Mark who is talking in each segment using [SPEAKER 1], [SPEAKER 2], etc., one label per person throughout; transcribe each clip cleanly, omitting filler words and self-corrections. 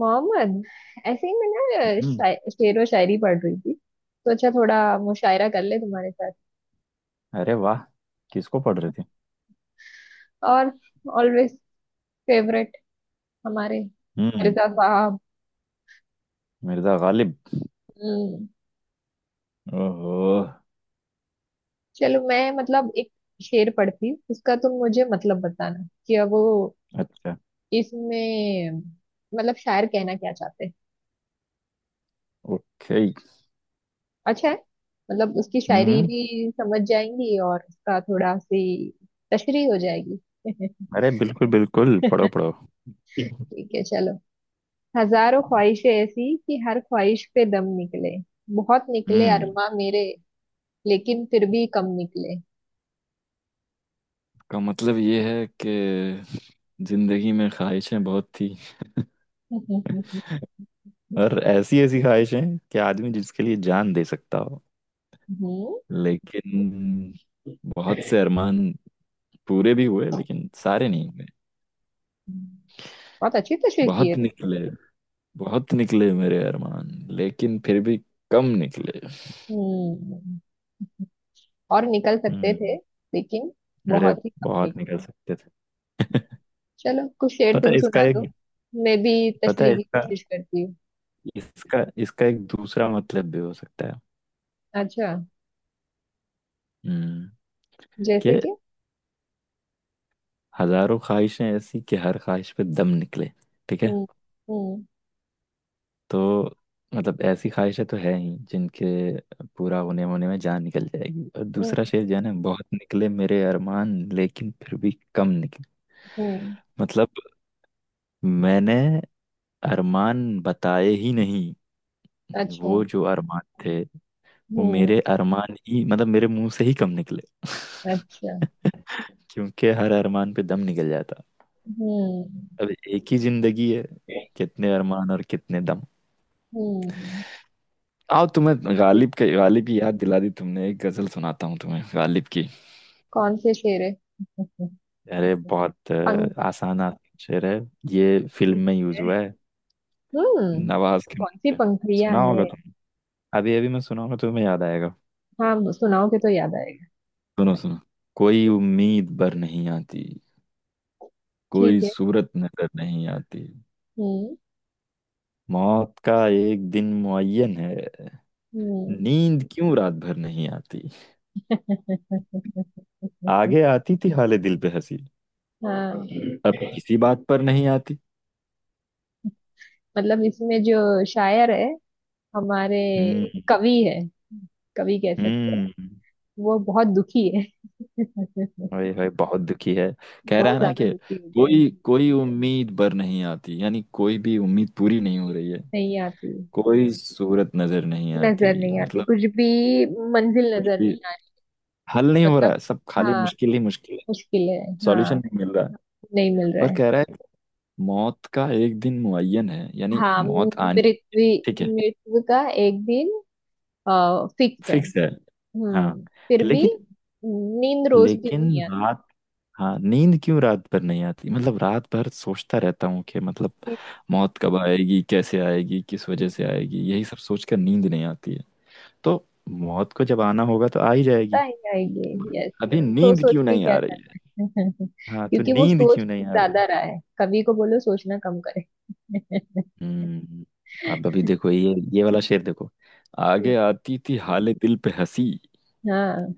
[SPEAKER 1] मोहम्मद, ऐसे ही मैं
[SPEAKER 2] हम्म।
[SPEAKER 1] शेर व शायरी पढ़ रही थी। सोचा थोड़ा मुशायरा कर ले तुम्हारे साथ।
[SPEAKER 2] अरे वाह। किसको पढ़ रहे थे?
[SPEAKER 1] और ऑलवेज फेवरेट हमारे
[SPEAKER 2] वही। हम्म।
[SPEAKER 1] मिर्जा साहब।
[SPEAKER 2] मिर्जा गालिब।
[SPEAKER 1] हम्म।
[SPEAKER 2] ओहो।
[SPEAKER 1] चलो, मैं मतलब एक शेर पढ़ती हूँ, उसका तुम मुझे मतलब बताना कि अब वो
[SPEAKER 2] अच्छा।
[SPEAKER 1] इसमें मतलब शायर कहना क्या चाहते हैं।
[SPEAKER 2] ओके।
[SPEAKER 1] अच्छा है, मतलब उसकी शायरी
[SPEAKER 2] हम्म।
[SPEAKER 1] भी समझ जाएंगी और उसका थोड़ा सी तशरीह हो जाएगी।
[SPEAKER 2] अरे बिल्कुल बिल्कुल, पढ़ो पढ़ो।
[SPEAKER 1] ठीक है चलो। हजारों ख्वाहिशें ऐसी कि हर ख्वाहिश पे दम निकले, बहुत निकले
[SPEAKER 2] हम्म।
[SPEAKER 1] अरमा मेरे, लेकिन फिर भी कम निकले।
[SPEAKER 2] का मतलब ये है कि जिंदगी में ख्वाहिशें बहुत थी,
[SPEAKER 1] हम्म
[SPEAKER 2] और ऐसी ऐसी ख्वाहिशें कि आदमी जिसके लिए जान दे सकता हो। लेकिन बहुत से अरमान पूरे भी हुए लेकिन सारे नहीं हुए।
[SPEAKER 1] बहुत अच्छी तशरीह की है
[SPEAKER 2] बहुत
[SPEAKER 1] तुमने
[SPEAKER 2] निकले,
[SPEAKER 1] तो।
[SPEAKER 2] बहुत निकले मेरे अरमान, लेकिन फिर भी कम निकले।
[SPEAKER 1] हम्म, और निकल सकते थे,
[SPEAKER 2] हम्म।
[SPEAKER 1] लेकिन
[SPEAKER 2] अरे
[SPEAKER 1] बहुत ही कम
[SPEAKER 2] बहुत
[SPEAKER 1] निकले।
[SPEAKER 2] निकल सकते थे।
[SPEAKER 1] चलो कुछ शेर
[SPEAKER 2] पता
[SPEAKER 1] तुम
[SPEAKER 2] है इसका
[SPEAKER 1] सुना
[SPEAKER 2] एक
[SPEAKER 1] दो, मैं भी
[SPEAKER 2] पता है
[SPEAKER 1] तशरीह की
[SPEAKER 2] इसका
[SPEAKER 1] कोशिश करती हूँ।
[SPEAKER 2] इसका इसका एक दूसरा मतलब भी हो सकता है।
[SPEAKER 1] अच्छा,
[SPEAKER 2] हम्म। कि
[SPEAKER 1] जैसे कि।
[SPEAKER 2] हजारों ख्वाहिशें ऐसी कि हर ख्वाहिश पे दम निकले, ठीक है।
[SPEAKER 1] हम्म। हम्म
[SPEAKER 2] तो मतलब ऐसी ख्वाहिशें तो है ही जिनके पूरा होने होने में जान निकल जाएगी। और दूसरा
[SPEAKER 1] हम्म
[SPEAKER 2] शेर जो है ना, बहुत निकले मेरे अरमान लेकिन फिर भी कम निकले।
[SPEAKER 1] हम्म
[SPEAKER 2] मतलब मैंने अरमान बताए ही नहीं।
[SPEAKER 1] अच्छा।
[SPEAKER 2] वो जो अरमान थे वो
[SPEAKER 1] हम्म।
[SPEAKER 2] मेरे अरमान ही मतलब मेरे मुंह से ही कम निकले।
[SPEAKER 1] अच्छा।
[SPEAKER 2] क्योंकि हर अरमान पे दम निकल जाता।
[SPEAKER 1] हम्म
[SPEAKER 2] अब एक ही जिंदगी है, कितने अरमान और कितने दम।
[SPEAKER 1] हम्म।
[SPEAKER 2] आओ, तुम्हें गालिब की याद दिला दी तुमने, एक गजल सुनाता हूँ तुम्हें गालिब की।
[SPEAKER 1] कौन से शेर?
[SPEAKER 2] अरे बहुत
[SPEAKER 1] पंखी।
[SPEAKER 2] आसान आसान शेर है। ये फिल्म में यूज हुआ है,
[SPEAKER 1] हम्म।
[SPEAKER 2] नवाज के
[SPEAKER 1] कौन
[SPEAKER 2] मुंह
[SPEAKER 1] सी
[SPEAKER 2] पे।
[SPEAKER 1] पंखुड़ियां
[SPEAKER 2] सुना
[SPEAKER 1] है?
[SPEAKER 2] होगा तुम। अभी अभी मैं सुनाऊंगा, तुम्हें याद आएगा।
[SPEAKER 1] हाँ, सुनाओगे तो याद आएगा।
[SPEAKER 2] सुनो सुनो। कोई उम्मीद बर नहीं आती, कोई
[SPEAKER 1] ठीक है।
[SPEAKER 2] सूरत नजर नहीं आती।
[SPEAKER 1] हम्म।
[SPEAKER 2] मौत का एक दिन मुअय्यन है,
[SPEAKER 1] हम्म।
[SPEAKER 2] नींद क्यों रात भर नहीं आती। आगे आती थी हाले दिल पे हंसी,
[SPEAKER 1] हाँ,
[SPEAKER 2] अब किसी बात पर नहीं आती।
[SPEAKER 1] मतलब इसमें जो शायर है, हमारे
[SPEAKER 2] हम्म।
[SPEAKER 1] कवि है, कवि कह सकते हैं,
[SPEAKER 2] हम्म।
[SPEAKER 1] वो बहुत दुखी है।
[SPEAKER 2] ओए होए, बहुत दुखी है। कह रहा
[SPEAKER 1] बहुत
[SPEAKER 2] है ना
[SPEAKER 1] ज्यादा
[SPEAKER 2] कि
[SPEAKER 1] दुखी हो गए हैं।
[SPEAKER 2] कोई कोई उम्मीद पर नहीं आती, यानी कोई भी उम्मीद पूरी नहीं हो रही है।
[SPEAKER 1] नहीं आती,
[SPEAKER 2] कोई सूरत नजर नहीं
[SPEAKER 1] नजर
[SPEAKER 2] आती
[SPEAKER 1] नहीं आती
[SPEAKER 2] मतलब
[SPEAKER 1] कुछ भी, मंजिल
[SPEAKER 2] कुछ
[SPEAKER 1] नजर
[SPEAKER 2] भी
[SPEAKER 1] नहीं आ रही।
[SPEAKER 2] हल नहीं हो रहा
[SPEAKER 1] मतलब
[SPEAKER 2] है, सब खाली
[SPEAKER 1] हाँ,
[SPEAKER 2] मुश्किल ही मुश्किल है।
[SPEAKER 1] मुश्किल है।
[SPEAKER 2] सॉल्यूशन
[SPEAKER 1] हाँ,
[SPEAKER 2] नहीं मिल रहा है।
[SPEAKER 1] नहीं मिल रहा
[SPEAKER 2] और
[SPEAKER 1] है।
[SPEAKER 2] कह रहा है मौत का एक दिन मुअय्यन है, यानी
[SPEAKER 1] हाँ,
[SPEAKER 2] मौत आनी, ठीक
[SPEAKER 1] मृत्यु
[SPEAKER 2] है,
[SPEAKER 1] मृत्यु का एक दिन फिक्स है।
[SPEAKER 2] फिक्स है। हाँ,
[SPEAKER 1] फिर भी
[SPEAKER 2] लेकिन
[SPEAKER 1] नींद रोज की
[SPEAKER 2] लेकिन
[SPEAKER 1] दुनिया।
[SPEAKER 2] रात, हाँ, नींद क्यों रात भर नहीं आती। मतलब रात भर सोचता रहता हूँ कि मतलब मौत कब आएगी, कैसे आएगी, किस वजह से
[SPEAKER 1] चिंता
[SPEAKER 2] आएगी, यही सब सोचकर नींद नहीं आती है। तो मौत को जब आना होगा तो आ ही जाएगी।
[SPEAKER 1] ही आएगी, यस।
[SPEAKER 2] अभी
[SPEAKER 1] तो
[SPEAKER 2] नींद
[SPEAKER 1] सोच
[SPEAKER 2] क्यों
[SPEAKER 1] के
[SPEAKER 2] नहीं
[SPEAKER 1] क्या
[SPEAKER 2] आ रही है।
[SPEAKER 1] करना है?
[SPEAKER 2] हाँ, तो
[SPEAKER 1] क्योंकि वो
[SPEAKER 2] नींद
[SPEAKER 1] सोच
[SPEAKER 2] क्यों नहीं आ रही।
[SPEAKER 1] ज्यादा रहा है, कवि को बोलो सोचना कम करे।
[SPEAKER 2] हम्म। अब अभी देखो ये वाला शेर देखो।
[SPEAKER 1] हम्म।
[SPEAKER 2] आगे आती थी हाले दिल पे हंसी,
[SPEAKER 1] हाँ।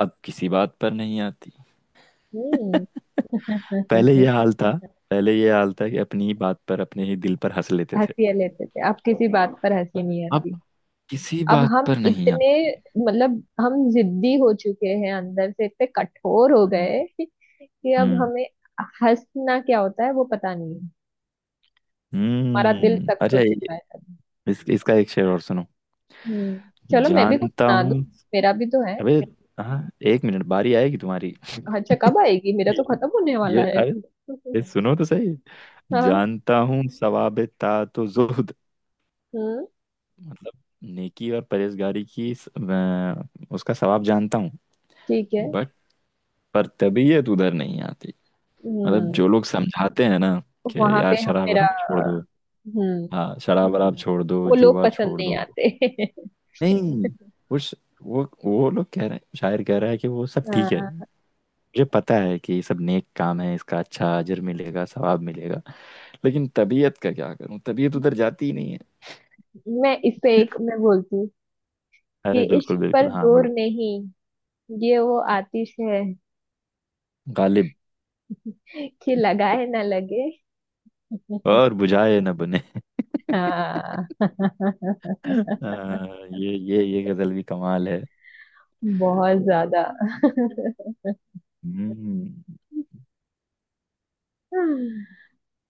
[SPEAKER 2] अब किसी बात पर नहीं आती।
[SPEAKER 1] हम्म।
[SPEAKER 2] पहले ये हाल था पहले ये हाल था कि अपनी ही बात पर अपने ही दिल पर हंस लेते थे।
[SPEAKER 1] हंसी लेते थे, अब किसी बात पर हंसी नहीं
[SPEAKER 2] आप
[SPEAKER 1] आती।
[SPEAKER 2] किसी
[SPEAKER 1] अब
[SPEAKER 2] बात
[SPEAKER 1] हम
[SPEAKER 2] पर नहीं
[SPEAKER 1] इतने
[SPEAKER 2] आते।
[SPEAKER 1] मतलब हम जिद्दी हो चुके हैं, अंदर से इतने कठोर हो गए
[SPEAKER 2] हम्म,
[SPEAKER 1] कि अब
[SPEAKER 2] हम्म,
[SPEAKER 1] हमें हंसना क्या होता है वो पता नहीं है। हमारा दिल
[SPEAKER 2] हम्म।
[SPEAKER 1] सख्त
[SPEAKER 2] अच्छा।
[SPEAKER 1] हो चुका है।
[SPEAKER 2] इसका एक शेर और सुनो।
[SPEAKER 1] हम्म। चलो मैं भी कुछ
[SPEAKER 2] जानता
[SPEAKER 1] सुना दूं,
[SPEAKER 2] हूँ।
[SPEAKER 1] मेरा भी तो है।
[SPEAKER 2] अबे, हाँ, एक मिनट, बारी आएगी तुम्हारी।
[SPEAKER 1] अच्छा, कब आएगी? मेरा
[SPEAKER 2] ये
[SPEAKER 1] तो खत्म होने वाला है।
[SPEAKER 2] अरे, ये सुनो तो सही।
[SPEAKER 1] हाँ।
[SPEAKER 2] जानता हूँ सवाब तात तो जुहद,
[SPEAKER 1] हम्म।
[SPEAKER 2] मतलब नेकी और परहेजगारी की उसका सवाब जानता हूँ।
[SPEAKER 1] ठीक है।
[SPEAKER 2] बट पर तबीयत उधर नहीं आती, मतलब
[SPEAKER 1] हम्म
[SPEAKER 2] जो लोग समझाते हैं ना कि
[SPEAKER 1] वहां
[SPEAKER 2] यार
[SPEAKER 1] पे हम
[SPEAKER 2] शराब
[SPEAKER 1] मेरा।
[SPEAKER 2] वराब छोड़ दो,
[SPEAKER 1] हम्म,
[SPEAKER 2] हाँ शराब वराब छोड़ दो,
[SPEAKER 1] वो लोग
[SPEAKER 2] जुआ
[SPEAKER 1] पसंद
[SPEAKER 2] छोड़
[SPEAKER 1] नहीं
[SPEAKER 2] दो।
[SPEAKER 1] आते।
[SPEAKER 2] नहीं, वो श- वो लोग कह रहे हैं, शायर कह रहा है कि वो सब ठीक है।
[SPEAKER 1] हाँ,
[SPEAKER 2] मुझे पता है कि ये सब नेक काम है, इसका अच्छा अजर मिलेगा, सवाब मिलेगा, लेकिन तबीयत का क्या करूं, तबीयत उधर जाती ही नहीं है।
[SPEAKER 1] मैं इस पे एक मैं बोलती हूँ कि
[SPEAKER 2] अरे
[SPEAKER 1] इश्क
[SPEAKER 2] बिल्कुल बिल्कुल,
[SPEAKER 1] पर
[SPEAKER 2] हाँ
[SPEAKER 1] जोर
[SPEAKER 2] बोलो।
[SPEAKER 1] नहीं, ये वो आतिश है
[SPEAKER 2] गालिब।
[SPEAKER 1] कि लगाए ना लगे।
[SPEAKER 2] और बुझाए न बने।
[SPEAKER 1] हाँ।
[SPEAKER 2] हाँ, ये गजल भी कमाल है।
[SPEAKER 1] बहुत ज्यादा।
[SPEAKER 2] हम्म।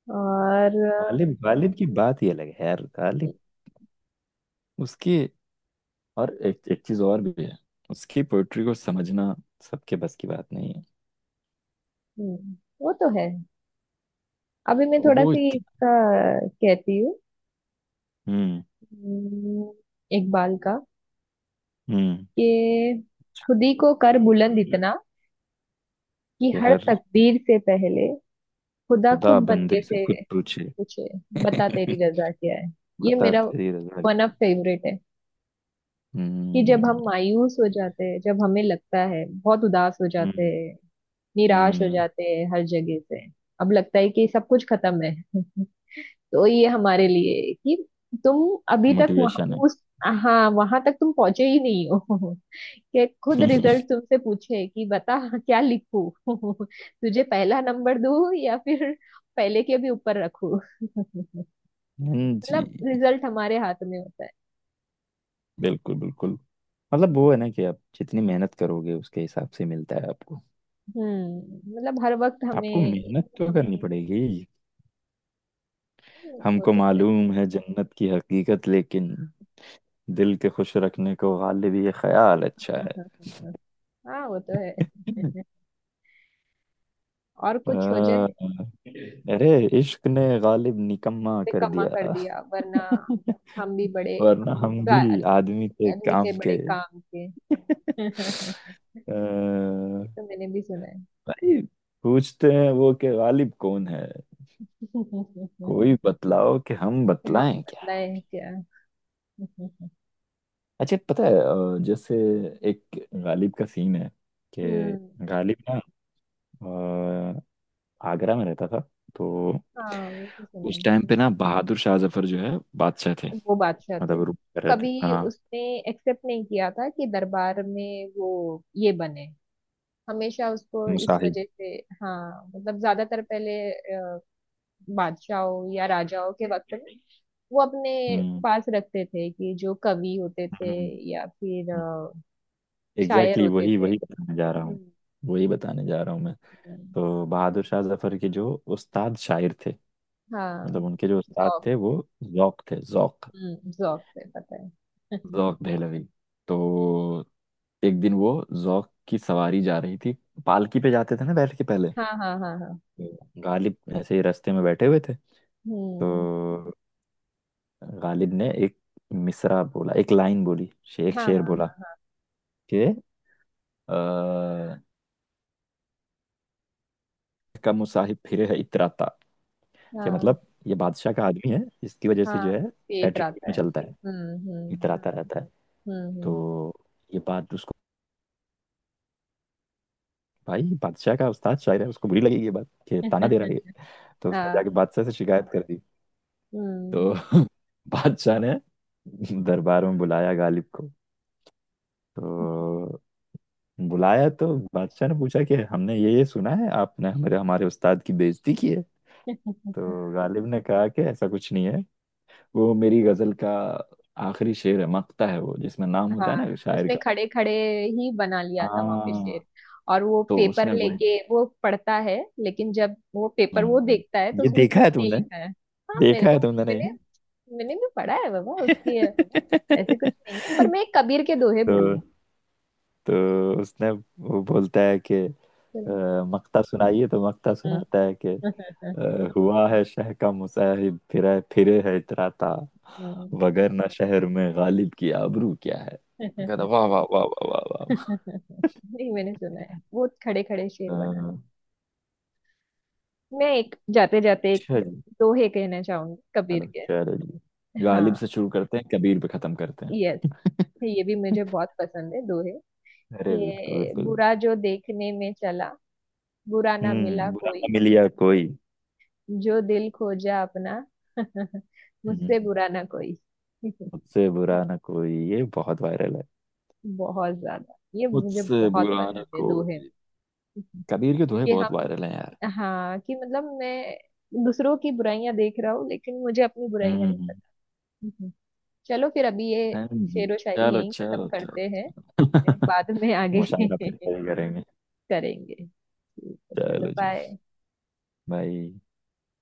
[SPEAKER 1] और।
[SPEAKER 2] गालिब, गालिब की बात ही अलग है यार, गालिब। उसकी, और एक चीज और भी है, उसकी पोइट्री को समझना सबके बस की बात नहीं है।
[SPEAKER 1] हम्म, वो तो है। अभी मैं थोड़ा
[SPEAKER 2] वो।
[SPEAKER 1] सी इसका कहती हूँ।
[SPEAKER 2] हम्म।
[SPEAKER 1] हम्म, इकबाल का।
[SPEAKER 2] हम्म।
[SPEAKER 1] कि खुद ही को कर बुलंद इतना कि
[SPEAKER 2] कि
[SPEAKER 1] हर
[SPEAKER 2] हर
[SPEAKER 1] तकदीर से पहले खुदा
[SPEAKER 2] खुदा
[SPEAKER 1] खुद
[SPEAKER 2] बंदे
[SPEAKER 1] बंदे
[SPEAKER 2] से
[SPEAKER 1] से
[SPEAKER 2] खुद पूछे।
[SPEAKER 1] पूछे, बता तेरी रजा क्या है। ये
[SPEAKER 2] बता
[SPEAKER 1] मेरा
[SPEAKER 2] तेरी रजा
[SPEAKER 1] वन ऑफ
[SPEAKER 2] क्या?
[SPEAKER 1] फेवरेट है। कि जब हम
[SPEAKER 2] हम्म।
[SPEAKER 1] मायूस हो जाते हैं, जब हमें लगता है, बहुत उदास हो जाते
[SPEAKER 2] हम्म।
[SPEAKER 1] हैं, निराश हो
[SPEAKER 2] हम्म।
[SPEAKER 1] जाते हैं हर जगह से, अब लगता है कि सब कुछ खत्म है। तो ये हमारे लिए है कि तुम अभी तक वहाँ
[SPEAKER 2] मोटिवेशन है।
[SPEAKER 1] उस, हाँ वहां तक तुम पहुंचे ही नहीं हो। कि खुद रिजल्ट तुमसे पूछे कि बता क्या लिखूं, तुझे पहला नंबर दूं या फिर पहले के भी ऊपर रखूं।
[SPEAKER 2] जी।
[SPEAKER 1] मतलब रिजल्ट हमारे हाथ में होता है।
[SPEAKER 2] बिल्कुल बिल्कुल। मतलब वो है ना कि आप जितनी मेहनत करोगे उसके हिसाब से मिलता है आपको,
[SPEAKER 1] हम्म, मतलब हर वक्त
[SPEAKER 2] आपको
[SPEAKER 1] हमें।
[SPEAKER 2] मेहनत तो करनी पड़ेगी।
[SPEAKER 1] वो
[SPEAKER 2] हमको
[SPEAKER 1] तो है।
[SPEAKER 2] मालूम है जन्नत की हकीकत, लेकिन दिल के खुश रखने को गालिब ये ख्याल अच्छा है।
[SPEAKER 1] हाँ। हाँ, वो तो है। और
[SPEAKER 2] अ,
[SPEAKER 1] कुछ हो जाए।
[SPEAKER 2] अरे, इश्क ने गालिब निकम्मा कर
[SPEAKER 1] निकम्मा कर
[SPEAKER 2] दिया,
[SPEAKER 1] दिया वरना हम भी बड़े
[SPEAKER 2] वरना हम
[SPEAKER 1] गा-
[SPEAKER 2] भी आदमी थे
[SPEAKER 1] आदमी
[SPEAKER 2] काम
[SPEAKER 1] थे बड़े
[SPEAKER 2] के।
[SPEAKER 1] काम के। ये
[SPEAKER 2] अ,
[SPEAKER 1] तो मैंने भी सुना है।
[SPEAKER 2] भाई, पूछते हैं वो कि गालिब कौन है, कोई बतलाओ कि हम
[SPEAKER 1] कि हम
[SPEAKER 2] बतलाएं क्या।
[SPEAKER 1] बदलाए हैं क्या।
[SPEAKER 2] अच्छा, पता है, जैसे एक गालिब का सीन है कि
[SPEAKER 1] हम्म।
[SPEAKER 2] गालिब ना अ, आगरा में रहता था। तो
[SPEAKER 1] हाँ, वो तो सुना
[SPEAKER 2] उस
[SPEAKER 1] है।
[SPEAKER 2] टाइम पे ना बहादुर शाह जफर जो है बादशाह थे,
[SPEAKER 1] वो बादशाह थे।
[SPEAKER 2] मतलब रूल कर रहे थे।
[SPEAKER 1] कभी
[SPEAKER 2] हाँ,
[SPEAKER 1] उसने एक्सेप्ट नहीं किया था कि दरबार में वो ये बने, हमेशा उसको इस
[SPEAKER 2] मुसाहिब।
[SPEAKER 1] वजह से। हाँ, मतलब ज्यादातर पहले बादशाहों या राजाओं के वक्त में वो अपने
[SPEAKER 2] हम्म।
[SPEAKER 1] पास रखते थे कि जो कवि होते थे
[SPEAKER 2] हम्म।
[SPEAKER 1] या फिर शायर
[SPEAKER 2] एग्जैक्टली,
[SPEAKER 1] होते
[SPEAKER 2] वही
[SPEAKER 1] थे।
[SPEAKER 2] वही बताने जा रहा हूँ,
[SPEAKER 1] हम्म।
[SPEAKER 2] वही बताने जा रहा हूँ मैं।
[SPEAKER 1] हम्म।
[SPEAKER 2] तो बहादुर शाह जफर के जो उस्ताद शायर थे,
[SPEAKER 1] हाँ,
[SPEAKER 2] मतलब उनके जो उस्ताद
[SPEAKER 1] जौक।
[SPEAKER 2] थे वो जौक थे, जौक,
[SPEAKER 1] हम्म, जौक से पता है।
[SPEAKER 2] जौक दहलवी। तो एक दिन वो जौक की सवारी जा रही थी, पालकी पे जाते थे ना बैठ के पहले।
[SPEAKER 1] हाँ हाँ हाँ हाँ।
[SPEAKER 2] तो गालिब ऐसे ही रास्ते में बैठे हुए थे।
[SPEAKER 1] हम्म।
[SPEAKER 2] तो गालिब ने एक मिसरा बोला, एक लाइन बोली, एक
[SPEAKER 1] हाँ
[SPEAKER 2] शेर बोला
[SPEAKER 1] हाँ
[SPEAKER 2] कि अ, कम मुसाहिब फिरे है इतराता। क्या
[SPEAKER 1] हाँ
[SPEAKER 2] मतलब ये बादशाह का आदमी है, इसकी वजह से
[SPEAKER 1] हाँ।
[SPEAKER 2] जो है
[SPEAKER 1] पेट
[SPEAKER 2] एटीट्यूड
[SPEAKER 1] रहता
[SPEAKER 2] में
[SPEAKER 1] है।
[SPEAKER 2] चलता है,
[SPEAKER 1] हम्म।
[SPEAKER 2] इतराता रहता है।
[SPEAKER 1] हम्म।
[SPEAKER 2] तो ये बात उसको, भाई बादशाह का उस्ताद शायर है, उसको बुरी लगेगी ये बात कि ताना दे रहा है ये। तो उसने
[SPEAKER 1] हाँ।
[SPEAKER 2] जाके बादशाह से शिकायत कर दी।
[SPEAKER 1] हम्म।
[SPEAKER 2] तो बादशाह ने दरबार में बुलाया गालिब को। तो बुलाया, तो बादशाह ने पूछा कि हमने ये सुना है आपने हमारे हमारे उस्ताद की बेइज्जती की है। तो गालिब ने कहा कि ऐसा कुछ नहीं है, वो मेरी गजल का आखिरी शेर है, मक्ता है वो जिसमें नाम होता है
[SPEAKER 1] हाँ,
[SPEAKER 2] ना शायर
[SPEAKER 1] उसने
[SPEAKER 2] का।
[SPEAKER 1] खड़े खड़े ही बना लिया था वहां पे
[SPEAKER 2] हाँ,
[SPEAKER 1] शेर, और वो
[SPEAKER 2] तो
[SPEAKER 1] पेपर
[SPEAKER 2] उसने वो,
[SPEAKER 1] लेके वो पढ़ता है, लेकिन जब वो पेपर वो
[SPEAKER 2] हम्म,
[SPEAKER 1] देखता है तो
[SPEAKER 2] ये
[SPEAKER 1] उसमें
[SPEAKER 2] देखा
[SPEAKER 1] कुछ
[SPEAKER 2] है
[SPEAKER 1] नहीं
[SPEAKER 2] तुमने?
[SPEAKER 1] लिखा है। हाँ मेरे
[SPEAKER 2] देखा
[SPEAKER 1] को।
[SPEAKER 2] है तुमने,
[SPEAKER 1] मैंने
[SPEAKER 2] नहीं।
[SPEAKER 1] मैंने भी पढ़ा है बाबा उसकी। ऐसे कुछ नहीं है, पर मैं कबीर के दोहे
[SPEAKER 2] तो
[SPEAKER 1] बोलूंगी।
[SPEAKER 2] तो उसने वो बोलता है कि
[SPEAKER 1] चलो।
[SPEAKER 2] मक्ता सुनाइए। तो मक्ता
[SPEAKER 1] हम्म।
[SPEAKER 2] सुनाता है कि हुआ है शह का मुसाहिब, फिरे फिरे है इतराता, वगर ना शहर में गालिब की आबरू क्या है। मैं कहता
[SPEAKER 1] हम्म।
[SPEAKER 2] वाह वाह वाह वाह वाह वाह
[SPEAKER 1] नहीं, मैंने सुना है वो खड़े खड़े शेर बना है।
[SPEAKER 2] वाह।
[SPEAKER 1] मैं एक जाते जाते एक
[SPEAKER 2] अच्छा।
[SPEAKER 1] दोहे कहना चाहूंगी कबीर
[SPEAKER 2] हेलो,
[SPEAKER 1] के।
[SPEAKER 2] चलो जी, गालिब
[SPEAKER 1] हाँ,
[SPEAKER 2] से शुरू करते हैं, कबीर पे खत्म करते हैं।
[SPEAKER 1] यस। ये भी मुझे बहुत पसंद है दोहे।
[SPEAKER 2] अरे बिल्कुल
[SPEAKER 1] ये
[SPEAKER 2] बिल्कुल।
[SPEAKER 1] बुरा जो देखने में चला, बुरा ना मिला
[SPEAKER 2] हम्म। बुरा
[SPEAKER 1] कोई।
[SPEAKER 2] ना मिलिया कोई।
[SPEAKER 1] जो दिल खोजा अपना, मुझसे
[SPEAKER 2] हम्म,
[SPEAKER 1] बुरा ना कोई।
[SPEAKER 2] मुझसे बुरा ना कोई, ये बहुत वायरल है।
[SPEAKER 1] बहुत ज्यादा, ये मुझे
[SPEAKER 2] मुझसे
[SPEAKER 1] बहुत
[SPEAKER 2] बुरा न
[SPEAKER 1] पसंद है दोहे में।
[SPEAKER 2] कोई। कबीर के दोहे
[SPEAKER 1] कि
[SPEAKER 2] बहुत
[SPEAKER 1] हम,
[SPEAKER 2] वायरल हैं यार।
[SPEAKER 1] हाँ, कि मतलब मैं दूसरों की बुराइयां देख रहा हूँ लेकिन मुझे अपनी
[SPEAKER 2] हम्म।
[SPEAKER 1] बुराइयां नहीं
[SPEAKER 2] हम्म।
[SPEAKER 1] पता। चलो, फिर अभी ये
[SPEAKER 2] हैं जी।
[SPEAKER 1] शेरो शायरी
[SPEAKER 2] चलो
[SPEAKER 1] यहीं खत्म
[SPEAKER 2] चलो
[SPEAKER 1] करते हैं,
[SPEAKER 2] चलो।
[SPEAKER 1] बाद में आगे
[SPEAKER 2] मुशायरा फिर कभी करेंगे।
[SPEAKER 1] करेंगे। ठीक है, चलो
[SPEAKER 2] चलो जी।
[SPEAKER 1] बाय।
[SPEAKER 2] भाई।